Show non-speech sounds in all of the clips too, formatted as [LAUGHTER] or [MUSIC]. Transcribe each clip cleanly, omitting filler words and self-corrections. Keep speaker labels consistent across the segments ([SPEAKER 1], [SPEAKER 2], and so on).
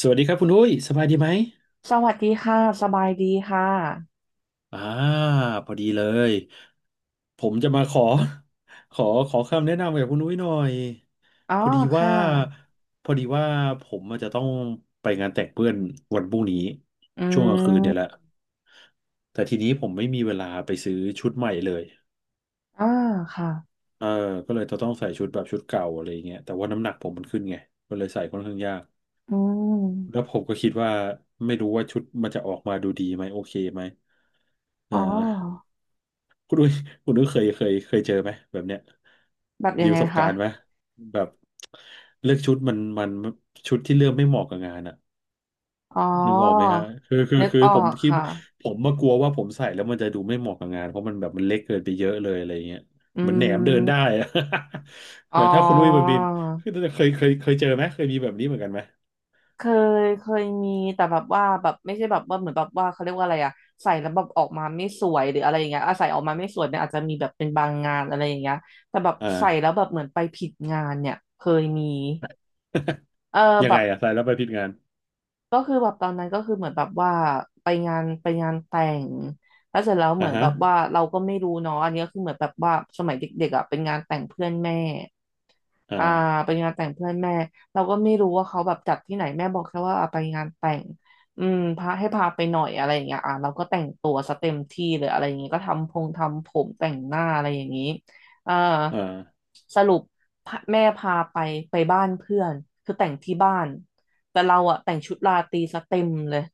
[SPEAKER 1] สวัสดีครับคุณอุ้ยสบายดีไหม
[SPEAKER 2] สวัสดีค่ะสบายดีค่ะ
[SPEAKER 1] อ่าพอดีเลยผมจะมาขอขอคำแนะนำกับคุณอุ้ยหน่อย
[SPEAKER 2] อ๋อ
[SPEAKER 1] พอดีว่า
[SPEAKER 2] ค่ะ
[SPEAKER 1] พอดีว่าผมอาจจะต้องไปงานแต่งเพื่อนวันพรุ่งนี้
[SPEAKER 2] อื
[SPEAKER 1] ช่วงกลางคืนเนี่ยแห
[SPEAKER 2] ม
[SPEAKER 1] ละแต่ทีนี้ผมไม่มีเวลาไปซื้อชุดใหม่เลย
[SPEAKER 2] อ่าค่ะ
[SPEAKER 1] เออก็เลยจะต้องใส่ชุดแบบชุดเก่าอะไรอย่างเงี้ยแต่ว่าน้ำหนักผมมันขึ้นไงก็เลยใส่ค่อนข้างยาก
[SPEAKER 2] อื
[SPEAKER 1] แล้ว
[SPEAKER 2] ม
[SPEAKER 1] ผมก็คิดว่าไม่รู้ว่าชุดมันจะออกมาดูดีไหมโอเคไหม
[SPEAKER 2] อ๋
[SPEAKER 1] อ่า
[SPEAKER 2] อ
[SPEAKER 1] คุณอุ้ยคุณอุ้ยเคยเจอไหมแบบเนี้ย
[SPEAKER 2] แบบยั
[SPEAKER 1] มี
[SPEAKER 2] ง
[SPEAKER 1] ป
[SPEAKER 2] ไง
[SPEAKER 1] ระสบ
[SPEAKER 2] คะ
[SPEAKER 1] การณ์ไหมแบบเลือกชุดมันชุดที่เลือกไม่เหมาะกับงานอะ
[SPEAKER 2] อ๋อ
[SPEAKER 1] นึกออกไหมฮะคือคือ
[SPEAKER 2] นึก
[SPEAKER 1] คือ
[SPEAKER 2] อ
[SPEAKER 1] ผ
[SPEAKER 2] อ
[SPEAKER 1] ม
[SPEAKER 2] ก
[SPEAKER 1] คิด
[SPEAKER 2] ค่ะ
[SPEAKER 1] ผมมากลัวว่าผมใส่แล้วมันจะดูไม่เหมาะกับงานเพราะมันแบบมันเล็กเกินไปเยอะเลยอะไรเงี้ย
[SPEAKER 2] อื
[SPEAKER 1] เหมือนแหนมเดินได้
[SPEAKER 2] ม
[SPEAKER 1] อะ [LAUGHS]
[SPEAKER 2] อ๋อ
[SPEAKER 1] แต่ถ้าคุณอุ้ยมันบินคือเคยเจอไหมเคยมีแบบนี้เหมือนกันไหม
[SPEAKER 2] เคเคยมีแต่แบบว่าแบบไม่ใช่แบบว่าเหมือนแบบว่าเขาเรียกว่าอะไรอะใส่แล้วแบบออกมาไม่สวยหรืออะไรอย่างเงี้ยอะใส่ออกมาไม่สวยเนี่ยอาจจะมีแบบเป็นบางงานอะไรอย่างเงี้ยแต่แบบ
[SPEAKER 1] อ่า
[SPEAKER 2] ใส่แล้วแบบเหมือนไปผิดงานเนี่ยเคยมีเออ
[SPEAKER 1] [LAUGHS] ยั
[SPEAKER 2] แบ
[SPEAKER 1] งไง
[SPEAKER 2] บ
[SPEAKER 1] อะใส่แล้วไปผิดงาน
[SPEAKER 2] ก็คือแบบตอนนั้นก็คือเหมือนแบบว่าไปงานแต่งแล้วเสร็จแล้วเห
[SPEAKER 1] อ่า
[SPEAKER 2] มือน
[SPEAKER 1] ฮะ
[SPEAKER 2] แบบว่าเราก็ไม่รู้เนาะอันนี้ก็คือเหมือนแบบว่าสมัยเด็กๆอ่ะเป็นงานแต่งเพื่อนแม่อ่า
[SPEAKER 1] อ่า
[SPEAKER 2] ไปงานแต่งเพื่อนแม่เราก็ไม่รู้ว่าเขาแบบจัดที่ไหนแม่บอกแค่ว่าอ่ะไปงานแต่งอืมพาให้พาไปหน่อยอะไรอย่างเงี้ยอ่ะเราก็แต่งตัวซะเต็มที่เลยอะไรอย่างเงี้ยก็ทำพงทำผมแต่งหน้าอะไรอย่างงี้อ่า
[SPEAKER 1] อ่า
[SPEAKER 2] สรุปพาแม่พาไปไปบ้านเพื่อนคือแต่งที่บ้าน แต่เราอะแต่งชุดราตรีซะเต็มเลย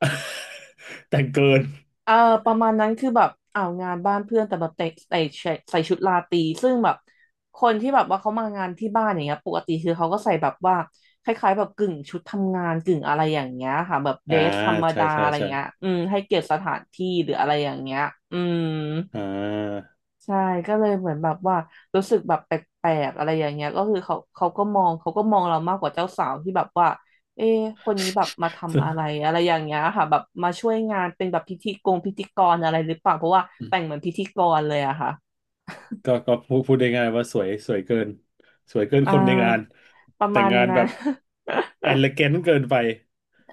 [SPEAKER 1] [LAUGHS] แต่งเกิน
[SPEAKER 2] เออประมาณนั้นคือแบบเอางานบ้านเพื่อนแต่แบบแต่งใส่ชุดราตรีซึ่งแบบคนที่แบบว่าเขามางานที่บ้านอย่างเงี้ยปกติคือเขาก็ใส่แบบว่าคล้ายๆแบบกึ่งชุดทำงานกึ่งอะไรอย่างเงี้ยค่ะแบบเดร
[SPEAKER 1] อ่า
[SPEAKER 2] สธรรม
[SPEAKER 1] ใช่
[SPEAKER 2] ดา
[SPEAKER 1] ใช่
[SPEAKER 2] อะไร
[SPEAKER 1] ใช่
[SPEAKER 2] เงี้ยอืมให้เกียรติสถานที่หรืออะไรอย่างเงี้ยอืม
[SPEAKER 1] อ่า
[SPEAKER 2] ใช่ก็เลยเหมือนแบบว่ารู้สึกแบบแปลกๆอะไรอย่างเงี้ยก็คือเขาเขาก็มองเขาก็มองเรามากกว่าเจ้าสาวที่แบบว่าเอ๊ะคนนี้แบบมา
[SPEAKER 1] [LAUGHS] ซึ่
[SPEAKER 2] ทำ
[SPEAKER 1] ง
[SPEAKER 2] อะไรอะไรอย่างเงี้ยค่ะแบบมาช่วยงานเป็นแบบพิธีกรอะไรหรือเปล่าเพราะว่าแต่งเหมือนพิธีกรเลยอะค่ะ
[SPEAKER 1] ก็ก็พูดได้ง่ายว่าสวยสวยเกินสวยเกิน
[SPEAKER 2] อ่า
[SPEAKER 1] คนในงาน
[SPEAKER 2] ประ
[SPEAKER 1] แต่
[SPEAKER 2] มา
[SPEAKER 1] ง
[SPEAKER 2] ณ
[SPEAKER 1] งานแบ
[SPEAKER 2] นั้น
[SPEAKER 1] บเอ e เล
[SPEAKER 2] [LAUGHS]
[SPEAKER 1] a n น t เกินไป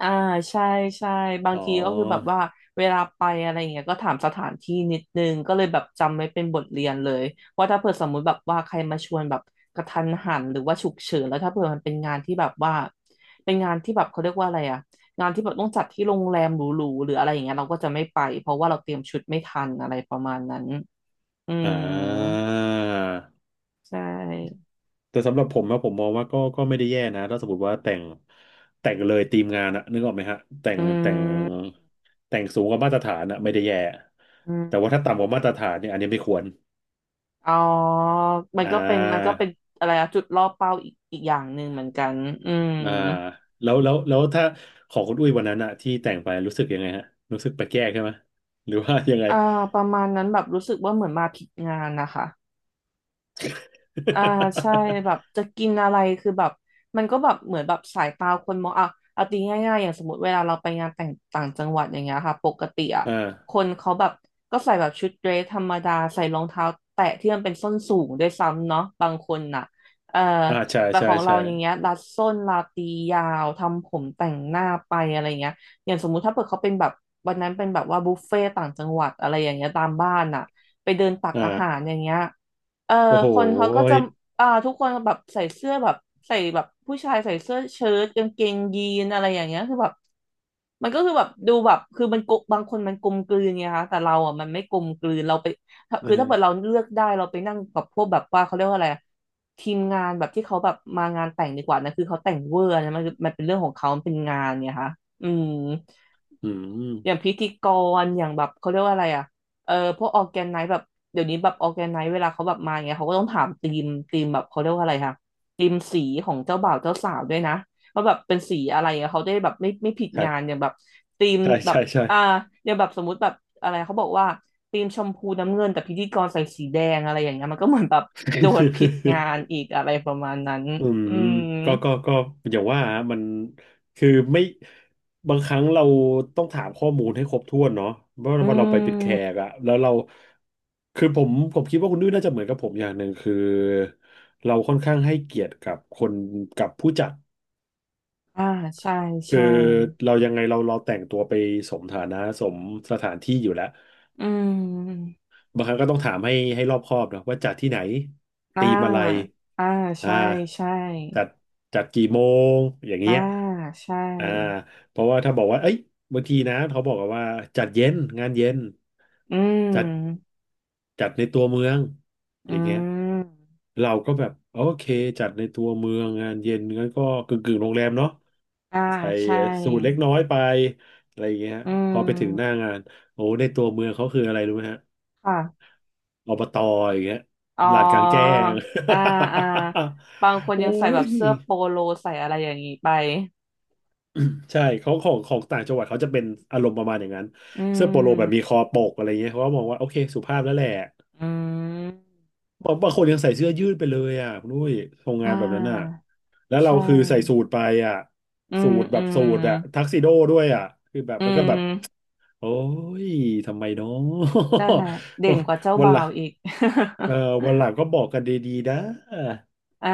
[SPEAKER 2] อ่าใช่ใช่บาง
[SPEAKER 1] อ๋อ
[SPEAKER 2] ทีก็คือแบบว่าเวลาไปอะไรอย่างเงี้ยก็ถามสถานที่นิดนึงก็เลยแบบจำไว้เป็นบทเรียนเลยว่าถ้าเผื่อสมมุติแบบว่าใครมาชวนแบบกระทันหันหรือว่าฉุกเฉินแล้วถ้าเผื่อมันเป็นงานที่แบบว่าเป็นงานที่แบบเขาเรียกว่าอะไรอะงานที่แบบต้องจัดที่โรงแรมหรูๆหรืออะไรอย่างเงี้ยเราก็จะไม่ไปเพราะว่าเราเตรียมชุดไม่ทันอะไรประมาณนั้นอื
[SPEAKER 1] อ่
[SPEAKER 2] ม
[SPEAKER 1] า
[SPEAKER 2] ใช่
[SPEAKER 1] แต่สำหรับผมนะผมมองว่าก็ก็ไม่ได้แย่นะถ้าสมมติว่าแต่งแต่งเลยทีมงานอะนึกออกไหมฮะแต่ง
[SPEAKER 2] อื
[SPEAKER 1] แต่ง
[SPEAKER 2] ม
[SPEAKER 1] แต่งสูงกว่ามาตรฐานอะไม่ได้แย่
[SPEAKER 2] อืม
[SPEAKER 1] แต่ว่าถ้าต่ำกว่ามาตรฐานเนี่ยอันนี้ไม่ควร
[SPEAKER 2] อ๋อ มัน
[SPEAKER 1] อ่า
[SPEAKER 2] ก็เป็น มันก็เป็นอะไรอะจุดล่อเป้าอีกอย่างหนึ่งเหมือนกัน อืม
[SPEAKER 1] อ่าแล้วถ้าของคุณอุ้ยวันนั้นอะที่แต่งไปรู้สึกยังไงฮะรู้สึกแปลกแยกใช่ไหมหรือว่ายังไง
[SPEAKER 2] อ่าประมาณนั้นแบบรู้สึกว่าเหมือนมาผิดงานนะคะ อ่าใช่แบบจะกินอะไรคือแบบมันก็แบบเหมือนแบบสายตาคนมองอ่ะเอาตีง่ายๆอย่างสมมติเวลาเราไปงานแต่งต่างจังหวัดอย่างเงี้ยค่ะปกติอ่ะ
[SPEAKER 1] [LAUGHS] อ่า
[SPEAKER 2] คนเขาแบบก็ใส่แบบชุดเดรสธรรมดาใส่รองเท้าแตะที่มันเป็นส้นสูงด้วยซ้ำเนาะบางคนน่ะเอ่อ
[SPEAKER 1] อ่าใช่
[SPEAKER 2] แต่
[SPEAKER 1] ใช่
[SPEAKER 2] ของเรา
[SPEAKER 1] ใช่
[SPEAKER 2] อย่างเงี้ยรัดส้นลาตียาวทำผมแต่งหน้าไปอะไรเงี้ยอย่างสมมุติถ้าเกิดเขาเป็นแบบวันนั้นเป็นแบบว่าบุฟเฟ่ต่างจังหวัดอะไรอย่างเงี้ยตามบ้านน่ะไปเดินตักอาหาร
[SPEAKER 1] อ่า
[SPEAKER 2] อย่างเงี้ย เออ
[SPEAKER 1] โอ้โห
[SPEAKER 2] คนเขาก็จะ
[SPEAKER 1] ย
[SPEAKER 2] อ่าทุกคนแบบใส่เสื้อแบบใส่แบบผู้ชายใส่เสื้อเชิ้ตกางเกงยีนอะไรอย่างเงี้ยคือแบบมันก็คือแบบดูแบบคือมันกบบางคนมันกลมกลืนไงคะแต่เราอ่ะมันไม่กลมกลืนเราไป
[SPEAKER 1] เอ
[SPEAKER 2] คือถ้าเกิด
[SPEAKER 1] อ
[SPEAKER 2] เราเลือกได้เราไปนั่งกับพวกแบบว่าเขาเรียกว่าอะไรอะทีมงานแบบที่เขาแบบมางานแต่งดีกว่านะคือเขาแต่งเวอร์นะมันเป็นเรื่องของเขามันเป็นงานไงคะอืม
[SPEAKER 1] อื
[SPEAKER 2] อย่าง
[SPEAKER 1] ม
[SPEAKER 2] พิธีกรอย่างแบบเขาเรียกว่าอะไรอ่ะเออพวกออแกนไนซ์แบบเดี๋ยวนี้แบบออแกนไนซ์เวลาเขาแบบมาอย่างเงี้ยเขาก็ต้องถามธีมแบบเขาเรียกว่าอะไรคะธีมสีของเจ้าบ่าวเจ้าสาวด้วยนะว่าแบบเป็นสีอะไรอะเขาได้แบบไม่ผิดงานอ
[SPEAKER 1] ใช่
[SPEAKER 2] ย่างแบบธีม
[SPEAKER 1] ใช่
[SPEAKER 2] แบบ
[SPEAKER 1] ใช่ใช่
[SPEAKER 2] อ่าอย่างแบบสมมุติแบบอะไรเขาบอกว่าธีมชมพูน้ำเงินแต่พิธีกรใส่สีแดงอะไรอย่างเงี้ยมันก็เหมือนแบบโดดผิดงาน
[SPEAKER 1] [LAUGHS]
[SPEAKER 2] อีกอะไรประมาณนั้น
[SPEAKER 1] อืม
[SPEAKER 2] อืม
[SPEAKER 1] ก็ก็ก็อย่างว่าฮะมันคือไม่บางครั้งเราต้องถามข้อมูลให้ครบถ้วนเนาะเพราะ
[SPEAKER 2] อื
[SPEAKER 1] ว่าเราไปเป็นแข
[SPEAKER 2] ม
[SPEAKER 1] กอะแล้วเราคือผมคิดว่าคุณนุ้ยน่าจะเหมือนกับผมอย่างหนึ่งคือเราค่อนข้างให้เกียรติกับคนกับผู้จัด
[SPEAKER 2] อ่าใช่
[SPEAKER 1] คือ
[SPEAKER 2] ใช่
[SPEAKER 1] เรายังไงเราแต่งตัวไปสมฐานะสมสถานที่อยู่แล้ว
[SPEAKER 2] อืม
[SPEAKER 1] บางครั้งก็ต้องถามให้รอบคอบเนอะว่าจัดที่ไหน
[SPEAKER 2] อ่า
[SPEAKER 1] ตีมอะไร
[SPEAKER 2] อ่า
[SPEAKER 1] อ่า
[SPEAKER 2] ใช่ใช่
[SPEAKER 1] จัดจัดกี่โมงอย่าง
[SPEAKER 2] อ่า
[SPEAKER 1] เงี้ย
[SPEAKER 2] ใช่
[SPEAKER 1] อ่าเพราะว่าถ้าบอกว่าเอ้ยบางทีนะเขาบอกกันว่าจัดเย็นงานเย็น
[SPEAKER 2] อื
[SPEAKER 1] จัด
[SPEAKER 2] ม
[SPEAKER 1] จัดในตัวเมืองอ
[SPEAKER 2] อื
[SPEAKER 1] ย่างเงี้ย
[SPEAKER 2] ม
[SPEAKER 1] เราก็แบบโอเคจัดในตัวเมืองงานเย็นงั้นก็กึ่งกึ่งโรงแรมเนาะ
[SPEAKER 2] อ่า
[SPEAKER 1] ใส่
[SPEAKER 2] ใช่
[SPEAKER 1] สูทเล็กน้อยไปอะไรอย่างเงี้ย
[SPEAKER 2] อื
[SPEAKER 1] พอไปถึงหน้า
[SPEAKER 2] ม
[SPEAKER 1] งานโอ้ในตัวเมืองเขาคืออะไรรู้ไหมฮะ
[SPEAKER 2] ค่ะ
[SPEAKER 1] อบตอย่างเงี้ย
[SPEAKER 2] อ๋อ
[SPEAKER 1] ลานกลางแจ้ง
[SPEAKER 2] อ่าอ่าบางคน
[SPEAKER 1] [LAUGHS] อุ้
[SPEAKER 2] ยังใส่แบ
[SPEAKER 1] ย
[SPEAKER 2] บเสื้อโปโลใส่อะไรอย่างนี้ไป
[SPEAKER 1] ใช่ของต่างจังหวัดเขาจะเป็นอารมณ์ประมาณอย่างนั้น
[SPEAKER 2] อื
[SPEAKER 1] เสื้อโปโลแบบมีค
[SPEAKER 2] ม
[SPEAKER 1] อปกอะไรเงี้ยเขาก็มองว่าโอเคสุภาพแล้วแหละ
[SPEAKER 2] อืม
[SPEAKER 1] บางบางคนยังใส่เสื้อยืดไปเลยอ่ะคุณนุ้ยโรง
[SPEAKER 2] อ่
[SPEAKER 1] งานแบบนั้นอ่ะ
[SPEAKER 2] า
[SPEAKER 1] แล้วเรา
[SPEAKER 2] ใช่
[SPEAKER 1] คือใส่สูทไปอ่ะ
[SPEAKER 2] อื
[SPEAKER 1] สู
[SPEAKER 2] ม
[SPEAKER 1] ทแบ
[SPEAKER 2] อื
[SPEAKER 1] บสู
[SPEAKER 2] ม
[SPEAKER 1] ทอ่ะทักซิโดด้วยอ่ะคือแบบ
[SPEAKER 2] อื
[SPEAKER 1] มันก็แบบ
[SPEAKER 2] ม
[SPEAKER 1] โอ้ยทำไมเนาะ
[SPEAKER 2] นั่นแหละเด่นกว่าเจ้า
[SPEAKER 1] [LAUGHS] วัน
[SPEAKER 2] บ่า
[SPEAKER 1] หลั
[SPEAKER 2] ว
[SPEAKER 1] ง
[SPEAKER 2] อีก [LAUGHS]
[SPEAKER 1] เออวันหลังก็บอกกันดีๆนะ
[SPEAKER 2] อ่า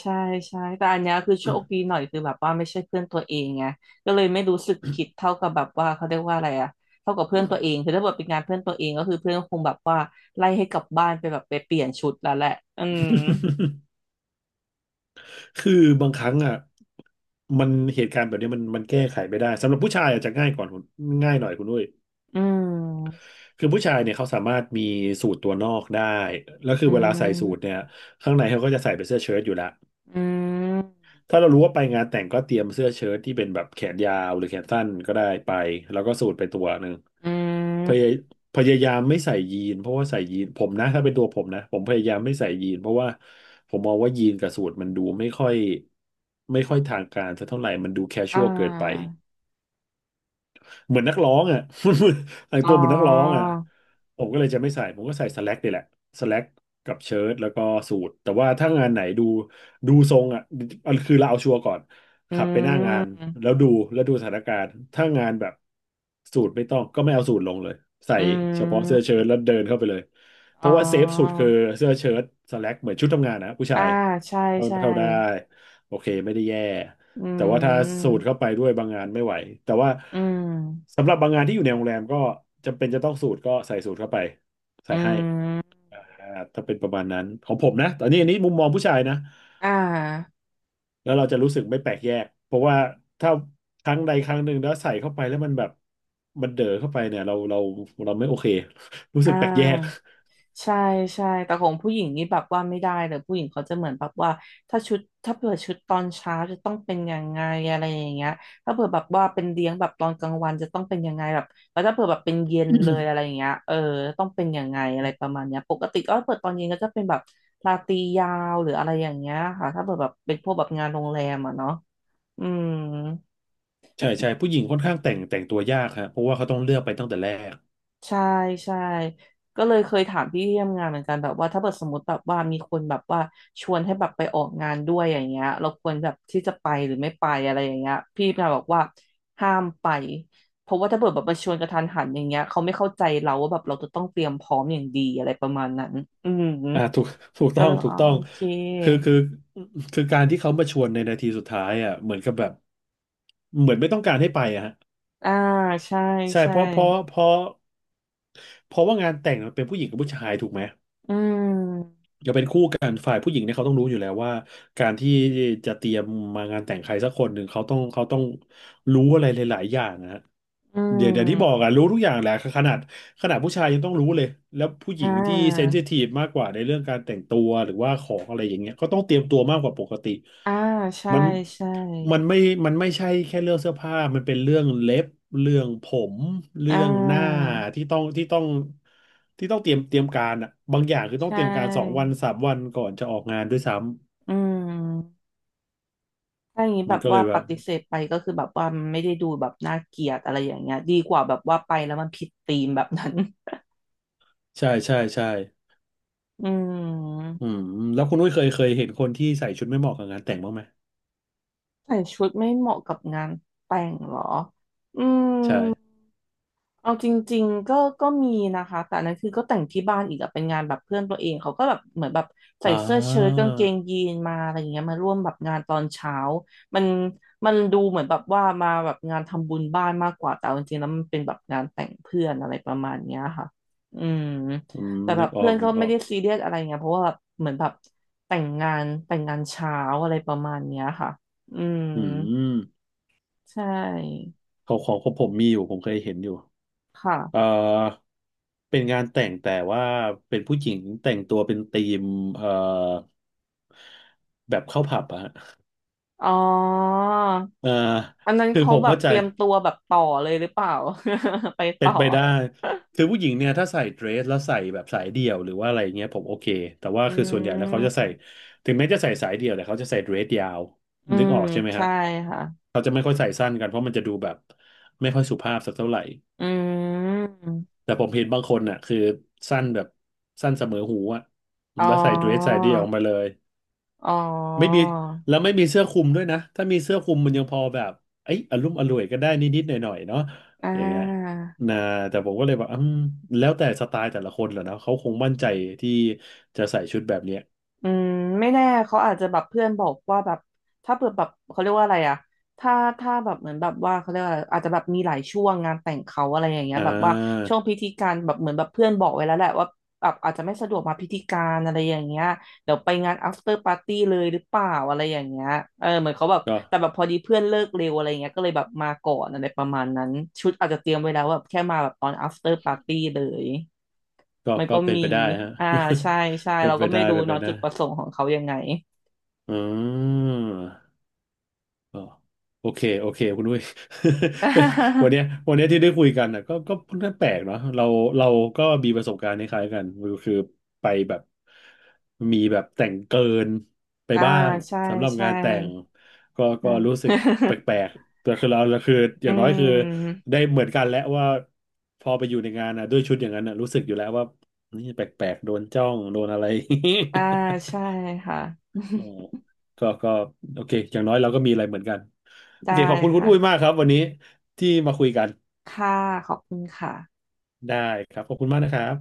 [SPEAKER 2] ใช่ใช่แต่อันเนี้ยคือโชคดีหน่อยคือแบบว่าไม่ใช่เพื่อนตัวเองไงก็เลยไม่รู้สึกผิดเท่ากับแบบว่าเขาเรียกว่าอะไรอะเท่ากับเพื่อนตัวเองคือถ้าเกิดเป็นงานเพื่อนตัวเองก็คือเพื่อนคงแบบว่าไล่ให้กลับบ้านไปแบบไปเปลี่ยนชุดแล้วแหละอืม
[SPEAKER 1] [LAUGHS] คือบางครั้งอ่ะมันเหตุการณ์แบบนี้มันแก้ไขไม่ได้สำหรับผู้ชายอาจจะง่ายก่อนคุณง่ายหน่อยคุณด้วย
[SPEAKER 2] อืม
[SPEAKER 1] คือผู้ชายเนี่ยเขาสามารถมีสูทตัวนอกได้แล้วคือ
[SPEAKER 2] อื
[SPEAKER 1] เวลาใส่สู
[SPEAKER 2] ม
[SPEAKER 1] ทเนี่ยข้างในเขาก็จะใส่เป็นเสื้อเชิ้ตอยู่ละ
[SPEAKER 2] อืม
[SPEAKER 1] ถ้าเรารู้ว่าไปงานแต่งก็เตรียมเสื้อเชิ้ตที่เป็นแบบแขนยาวหรือแขนสั้นก็ได้ไปแล้วก็สูทไปตัวหนึ่ง
[SPEAKER 2] อื
[SPEAKER 1] พยาย
[SPEAKER 2] ม
[SPEAKER 1] พยายามไม่ใส่ยีนเพราะว่าใส่ยีนผมนะถ้าเป็นตัวผมนะผมพยายามไม่ใส่ยีนเพราะว่าผมมองว่ายีนกับสูทมันดูไม่ค่อยทางการสักเท่าไหร่มันดูแคชช
[SPEAKER 2] อ่
[SPEAKER 1] วลเกินไป
[SPEAKER 2] า
[SPEAKER 1] เหมือนนักร้องอ่ะ [LAUGHS] แต่ง
[SPEAKER 2] อ๋อ
[SPEAKER 1] ตัวเหมือนนักร้องอ่ะผมก็เลยจะไม่ใส่ผมก็ใส่สแล็กนี่แหละสแล็กกับเชิ้ตแล้วก็สูทแต่ว่าถ้างานไหนดูดูทรงอ่ะเอาคือเราเอาชัวร์ก่อน
[SPEAKER 2] อื
[SPEAKER 1] ขับไปหน้างานแล้
[SPEAKER 2] ม
[SPEAKER 1] วดูแล้วดูสถานการณ์ถ้างานแบบสูทไม่ต้องก็ไม่เอาสูทลงเลยใส่
[SPEAKER 2] อื
[SPEAKER 1] เฉพาะเสื้อ
[SPEAKER 2] ม
[SPEAKER 1] เชิ้ตแล้วเดินเข้าไปเลยเพ
[SPEAKER 2] อ๋อ
[SPEAKER 1] ราะว่าเซฟสุดคือเสื้อเชิ้ตสแล็กเหมือนชุดทำงานนะผู้
[SPEAKER 2] อ่า
[SPEAKER 1] ชาย
[SPEAKER 2] ใช่
[SPEAKER 1] เข้า
[SPEAKER 2] ใช่
[SPEAKER 1] เข้าได้โอเคไม่ได้แย่
[SPEAKER 2] อื
[SPEAKER 1] แต่ว่าถ้าสู
[SPEAKER 2] ม
[SPEAKER 1] ดเข้าไปด้วยบางงานไม่ไหวแต่ว่า
[SPEAKER 2] อืม
[SPEAKER 1] สำหรับบางงานที่อยู่ในโรงแรมก็จำเป็นจะต้องสูดก็ใส่สูดเข้าไปใส่
[SPEAKER 2] อื
[SPEAKER 1] ให้
[SPEAKER 2] ม
[SPEAKER 1] อ่าถ้าเป็นประมาณนั้นของผมนะตอนนี้อันนี้มุมมองผู้ชายนะ
[SPEAKER 2] อ่า
[SPEAKER 1] แล้วเราจะรู้สึกไม่แปลกแยกเพราะว่าถ้าครั้งใดครั้งหนึ่งแล้วใส่เข้าไปแล้วมันแบบมันเด๋อเข้าไปเนี่ยเราเราไม่โอเค [LAUGHS] รู้
[SPEAKER 2] อ่
[SPEAKER 1] สึกแปลกแยก
[SPEAKER 2] าใช่ใช่แต่ของผู้หญิงนี่แบบว่าไม่ได้เลยผู้หญิงเขาจะเหมือนแบบว่าถ้าชุดถ้าเผื่อชุดตอนเช้าจะต้องเป็นยังไงอะไรอย่างเงี้ยถ้าเผื่อแบบว่าเป็นเลี้ยงแบบตอนกลางวันจะต้องเป็นยังไงแบบแล้วถ้าเผื่อแบบเป็นเย็นเลยอะไรอย่างเงี้ยเออต้องเป็นยังไงอะไรประมาณเนี้ยปกติก็เปิดตอนเย็นก็จะเป็นแบบราตรียาวหรืออะไรอย่างเงี้ยค่ะถ้าเผื่อแบบเป็นพวกแบบงานโรงแรมอ่ะเนาะอืม
[SPEAKER 1] ใช่ใช่ผู้หญิงค่อนข้างแต่งตัวยากฮะเพราะว่าเขาต้องเลือกไปตั้งแต่แรก
[SPEAKER 2] ใช่ใช่ก็เลยเคยถามพี่ที่ทำงานเหมือนกันแบบว่าถ้าเกิดสมมติแบบว่ามีคนแบบว่าชวนให้แบบไปออกงานด้วยอย่างเงี้ยเราควรแบบที่จะไปหรือไม่ไปอะไรอย่างเงี้ยพี่มาบอกว่าห้ามไปเพราะว่าถ้าเกิดแบบมาชวนกระทันหันอย่างเงี้ยเขาไม่เข้าใจเราว่าแบบเราจะต้องเตรียมพร้อมอย่างดีอะไรประมาณนั้นอืม
[SPEAKER 1] อ่าถูก [LAUGHS] ถูก
[SPEAKER 2] ก็
[SPEAKER 1] ต้อ
[SPEAKER 2] เล
[SPEAKER 1] ง
[SPEAKER 2] ย
[SPEAKER 1] ถู
[SPEAKER 2] อ๋อ
[SPEAKER 1] กต้อ
[SPEAKER 2] โอ
[SPEAKER 1] ง
[SPEAKER 2] เค
[SPEAKER 1] คือคือการที่เขามาชวนในนาทีสุดท้ายอ่ะเหมือนกับแบบเหมือนไม่ต้องการให้ไปอะฮะ
[SPEAKER 2] อ่าใช่
[SPEAKER 1] ใช่
[SPEAKER 2] ใช่
[SPEAKER 1] เพราะเพราะว่างานแต่งมันเป็นผู้หญิงกับผู้ชายถูกไหม
[SPEAKER 2] อืม
[SPEAKER 1] ก็เป็นคู่กันฝ่ายผู้หญิงเนี่ยเขาต้องรู้อยู่แล้วว่าการที่จะเตรียมมางานแต่งใครสักคนหนึ่งเขาต้องรู้อะไรหลายๆอย่างนะฮะ
[SPEAKER 2] อื
[SPEAKER 1] เดี๋ยวที่บอก
[SPEAKER 2] ม
[SPEAKER 1] อะรู้ทุกอย่างแหละขนาดขนาดผู้ชายยังต้องรู้เลยแล้วผู้ห
[SPEAKER 2] อ่
[SPEAKER 1] ญิงที่เซน
[SPEAKER 2] า
[SPEAKER 1] ซิทีฟมากกว่าในเรื่องการแต่งตัวหรือว่าของอะไรอย่างเงี้ยก็ต้องเตรียมตัวมากกว่าปกติ
[SPEAKER 2] อ่าใช่
[SPEAKER 1] มัน
[SPEAKER 2] ใช่
[SPEAKER 1] มันไม่มันไม่ใช่แค่เรื่องเสื้อผ้ามันเป็นเรื่องเล็บเรื่องผม
[SPEAKER 2] อ่
[SPEAKER 1] เรื่องหน้า
[SPEAKER 2] า
[SPEAKER 1] ที่ต้องที่ต้อง ที่ต้องเตรียมการอ่ะบางอย่างคือต้
[SPEAKER 2] ใช
[SPEAKER 1] องเตรียมการสองวั
[SPEAKER 2] ่
[SPEAKER 1] นสามวันก่อนจะออกงานด้วยซ้
[SPEAKER 2] อืมถ้าอย่างนี้
[SPEAKER 1] ำ
[SPEAKER 2] แบ
[SPEAKER 1] มัน
[SPEAKER 2] บ
[SPEAKER 1] ก็เล
[SPEAKER 2] ว่า
[SPEAKER 1] ยแบ
[SPEAKER 2] ป
[SPEAKER 1] บ
[SPEAKER 2] ฏิเสธไปก็คือแบบว่ามันไม่ได้ดูแบบน่าเกลียดอะไรอย่างเงี้ยดีกว่าแบบว่าไปแล้วมันผิดธีมแบบนั้น
[SPEAKER 1] ใช่
[SPEAKER 2] [LAUGHS] อืม
[SPEAKER 1] อืมแล้วคุณนุ้ยเคยเห็นคนที่ใส่ชุดไม่เหมาะกับงานแต่งบ้างไหม
[SPEAKER 2] ใส่ชุดไม่เหมาะกับงานแต่งเหรออื
[SPEAKER 1] ใช่
[SPEAKER 2] ม เอาจริงๆก็ก็มีนะคะแต่อันนั้นคือก็แต่งที่บ้านอีกอะเป็นงานแบบเพื่อนตัวเองเขาก็แบบเหมือนแบบใส่
[SPEAKER 1] อ่า
[SPEAKER 2] เสื้อเชิ้ตกางเกงยีนมาอะไรอย่างเงี้ยมาร่วมแบบงานตอนเช้ามันมันดูเหมือนแบบว่ามาแบบงานทำบุญบ้านมากกว่าแต่เอาจริงๆแล้วมันเป็นแบบงานแต่งเพื่อนอะไรประมาณเนี้ยค่ะอืม
[SPEAKER 1] อืม
[SPEAKER 2] แต่แบ
[SPEAKER 1] นึ
[SPEAKER 2] บ
[SPEAKER 1] กออ
[SPEAKER 2] เพื่อ
[SPEAKER 1] ก
[SPEAKER 2] นก็
[SPEAKER 1] นึกอ
[SPEAKER 2] ไม่
[SPEAKER 1] อก
[SPEAKER 2] ได้ซีเรียสอะไรเงี้ยเพราะว่าแบบเหมือนแบบแต่งงานแต่งงานเช้าอะไรประมาณเนี้ยค่ะอืม
[SPEAKER 1] อืม
[SPEAKER 2] ใช่
[SPEAKER 1] ของผมมีอยู่ผมเคยเห็นอยู่
[SPEAKER 2] ค่ะ
[SPEAKER 1] เอ่อเป็นงานแต่งแต่ว่าเป็นผู้หญิงแต่งตัวเป็นธีมเอ่อแบบเข้าผับอะฮะ
[SPEAKER 2] อ๋อ
[SPEAKER 1] เอ่อ
[SPEAKER 2] อันนั้น
[SPEAKER 1] คือ
[SPEAKER 2] เขา
[SPEAKER 1] ผม
[SPEAKER 2] แบบ
[SPEAKER 1] เข้าใจ
[SPEAKER 2] เตรียมตัวแบบต่อเลยหรือเปล่า [LAUGHS] ไป
[SPEAKER 1] เป็
[SPEAKER 2] ต่อ
[SPEAKER 1] นไปได้คือผู้หญิงเนี่ยถ้าใส่เดรสแล้วใส่แบบสายเดี่ยวหรือว่าอะไรเงี้ยผมโอเคแต่ว่า
[SPEAKER 2] อื
[SPEAKER 1] คือส่วนใหญ่แล้วเขาจะใส่
[SPEAKER 2] ม
[SPEAKER 1] ถึงแม้จะใส่สายเดี่ยวแต่เขาจะใส่เดรสยาว
[SPEAKER 2] อื
[SPEAKER 1] นึก
[SPEAKER 2] ม
[SPEAKER 1] ออกใช่ไหมฮะ
[SPEAKER 2] ใช่ค่ะ
[SPEAKER 1] เขาจะไม่ค่อยใส่สั้นกันเพราะมันจะดูแบบไม่ค่อยสุภาพสักเท่าไหร่
[SPEAKER 2] อืม
[SPEAKER 1] แต่ผมเห็นบางคนน่ะคือสั้นแบบสั้นเสมอหูอะ
[SPEAKER 2] อ๋อ
[SPEAKER 1] แล้วใส่เดรสสายเดี่ยวออกมาเลย
[SPEAKER 2] อ๋อ
[SPEAKER 1] ไม่มีไม่มีเสื้อคลุมด้วยนะถ้ามีเสื้อคลุมมันยังพอแบบเอ้ยอลุ่มอร่วยก็ได้นิดๆหน่อยๆเนาะ
[SPEAKER 2] อ่
[SPEAKER 1] อย่างเงี้ย
[SPEAKER 2] า
[SPEAKER 1] นะแต่ผมก็เลยแบบอืมแล้วแต่สไตล์แต่ละคนแหละเนาะเขาคงมั่นใจที่จะใส่ชุดแบบเนี้ย
[SPEAKER 2] อืมไม่แน่เขาอาจจะแบบเพื่อนบอกว่าแบบถ้าเปิดแบบเขาเรียกว่าอะไรอะถ้าถ้าแบบเหมือนแบบว่าเขาเรียกว่าอะไรอาจจะแบบมีหลายช่วงงานแต่งเขาอะไรอย่างเงี้ย
[SPEAKER 1] อ่
[SPEAKER 2] แบบว่า
[SPEAKER 1] า
[SPEAKER 2] ช่วงพิธีการแบบเหมือนแบบเพื่อนบอกไว้แล้วแหละว่าแบบอาจจะไม่สะดวกมาพิธีการอะไรอย่างเงี้ยเดี๋ยวไปงาน after party เลยหรือเปล่าอะไรอย่างเงี้ยเออเหมือนเขาแบบ
[SPEAKER 1] ก็
[SPEAKER 2] แต่แบบพอดีเพื่อนเลิกเร็วอะไรเงี้ยก็เลยแบบมาก่อนอะไรประมาณนั้นชุดอาจจะเตรียมไว้แล้วแบบแค่มาแบบตอน after party เลย
[SPEAKER 1] ก็
[SPEAKER 2] มัน
[SPEAKER 1] ก็
[SPEAKER 2] ก็
[SPEAKER 1] เป็น
[SPEAKER 2] มี
[SPEAKER 1] ไปได้ฮะ
[SPEAKER 2] อ่า ใช่ ใช่
[SPEAKER 1] [LAUGHS] เป็น
[SPEAKER 2] เรา
[SPEAKER 1] ไป
[SPEAKER 2] ก็ไม่
[SPEAKER 1] ได้
[SPEAKER 2] รู้
[SPEAKER 1] เป็นไป
[SPEAKER 2] เนาะ
[SPEAKER 1] ได้
[SPEAKER 2] จุดประสงค์ของเขายังไง
[SPEAKER 1] อืม อ๋อโอเคโอเคคุณด้วย [LAUGHS] วัน
[SPEAKER 2] [LAUGHS]
[SPEAKER 1] เนี้ยวันเนี้ยที่ได้คุยกันน่ะก็ค่อนข้างแปลกเนาะเราก็มีประสบการณ์คล้ายๆกันก็คือไปแบบมีแบบแต่งเกินไป
[SPEAKER 2] อ่า
[SPEAKER 1] บ้าง
[SPEAKER 2] ใช่
[SPEAKER 1] สำหรับ
[SPEAKER 2] ใช่
[SPEAKER 1] งานแต่งก็
[SPEAKER 2] ใช
[SPEAKER 1] ก็รู้
[SPEAKER 2] ่
[SPEAKER 1] สึกแปลกๆแต่คือเราคืออ
[SPEAKER 2] [LAUGHS] อื
[SPEAKER 1] ย่างน้อยคือ
[SPEAKER 2] ม
[SPEAKER 1] ได้เหมือนกันแล้วว่าพอไปอยู่ในงานน่ะด้วยชุดอย่างนั้นน่ะรู้สึกอยู่แล้วว่านี่แปลกๆโดนจ้องโดนอะไร
[SPEAKER 2] อ่า ใช่
[SPEAKER 1] [LAUGHS]
[SPEAKER 2] ค่ะ
[SPEAKER 1] อ๋อ
[SPEAKER 2] [LAUGHS]
[SPEAKER 1] ก็โอเคอย่างน้อยเราก็มีอะไรเหมือนกัน โอ
[SPEAKER 2] ได้
[SPEAKER 1] เค ขอบคุณคุณอุ้ย
[SPEAKER 2] ค่ะ
[SPEAKER 1] มากครับวันนี้ ที่มาคุยกัน
[SPEAKER 2] ค่ะขอบคุณค่ะ
[SPEAKER 1] ได้ครับ ขอบคุณมากนะครับ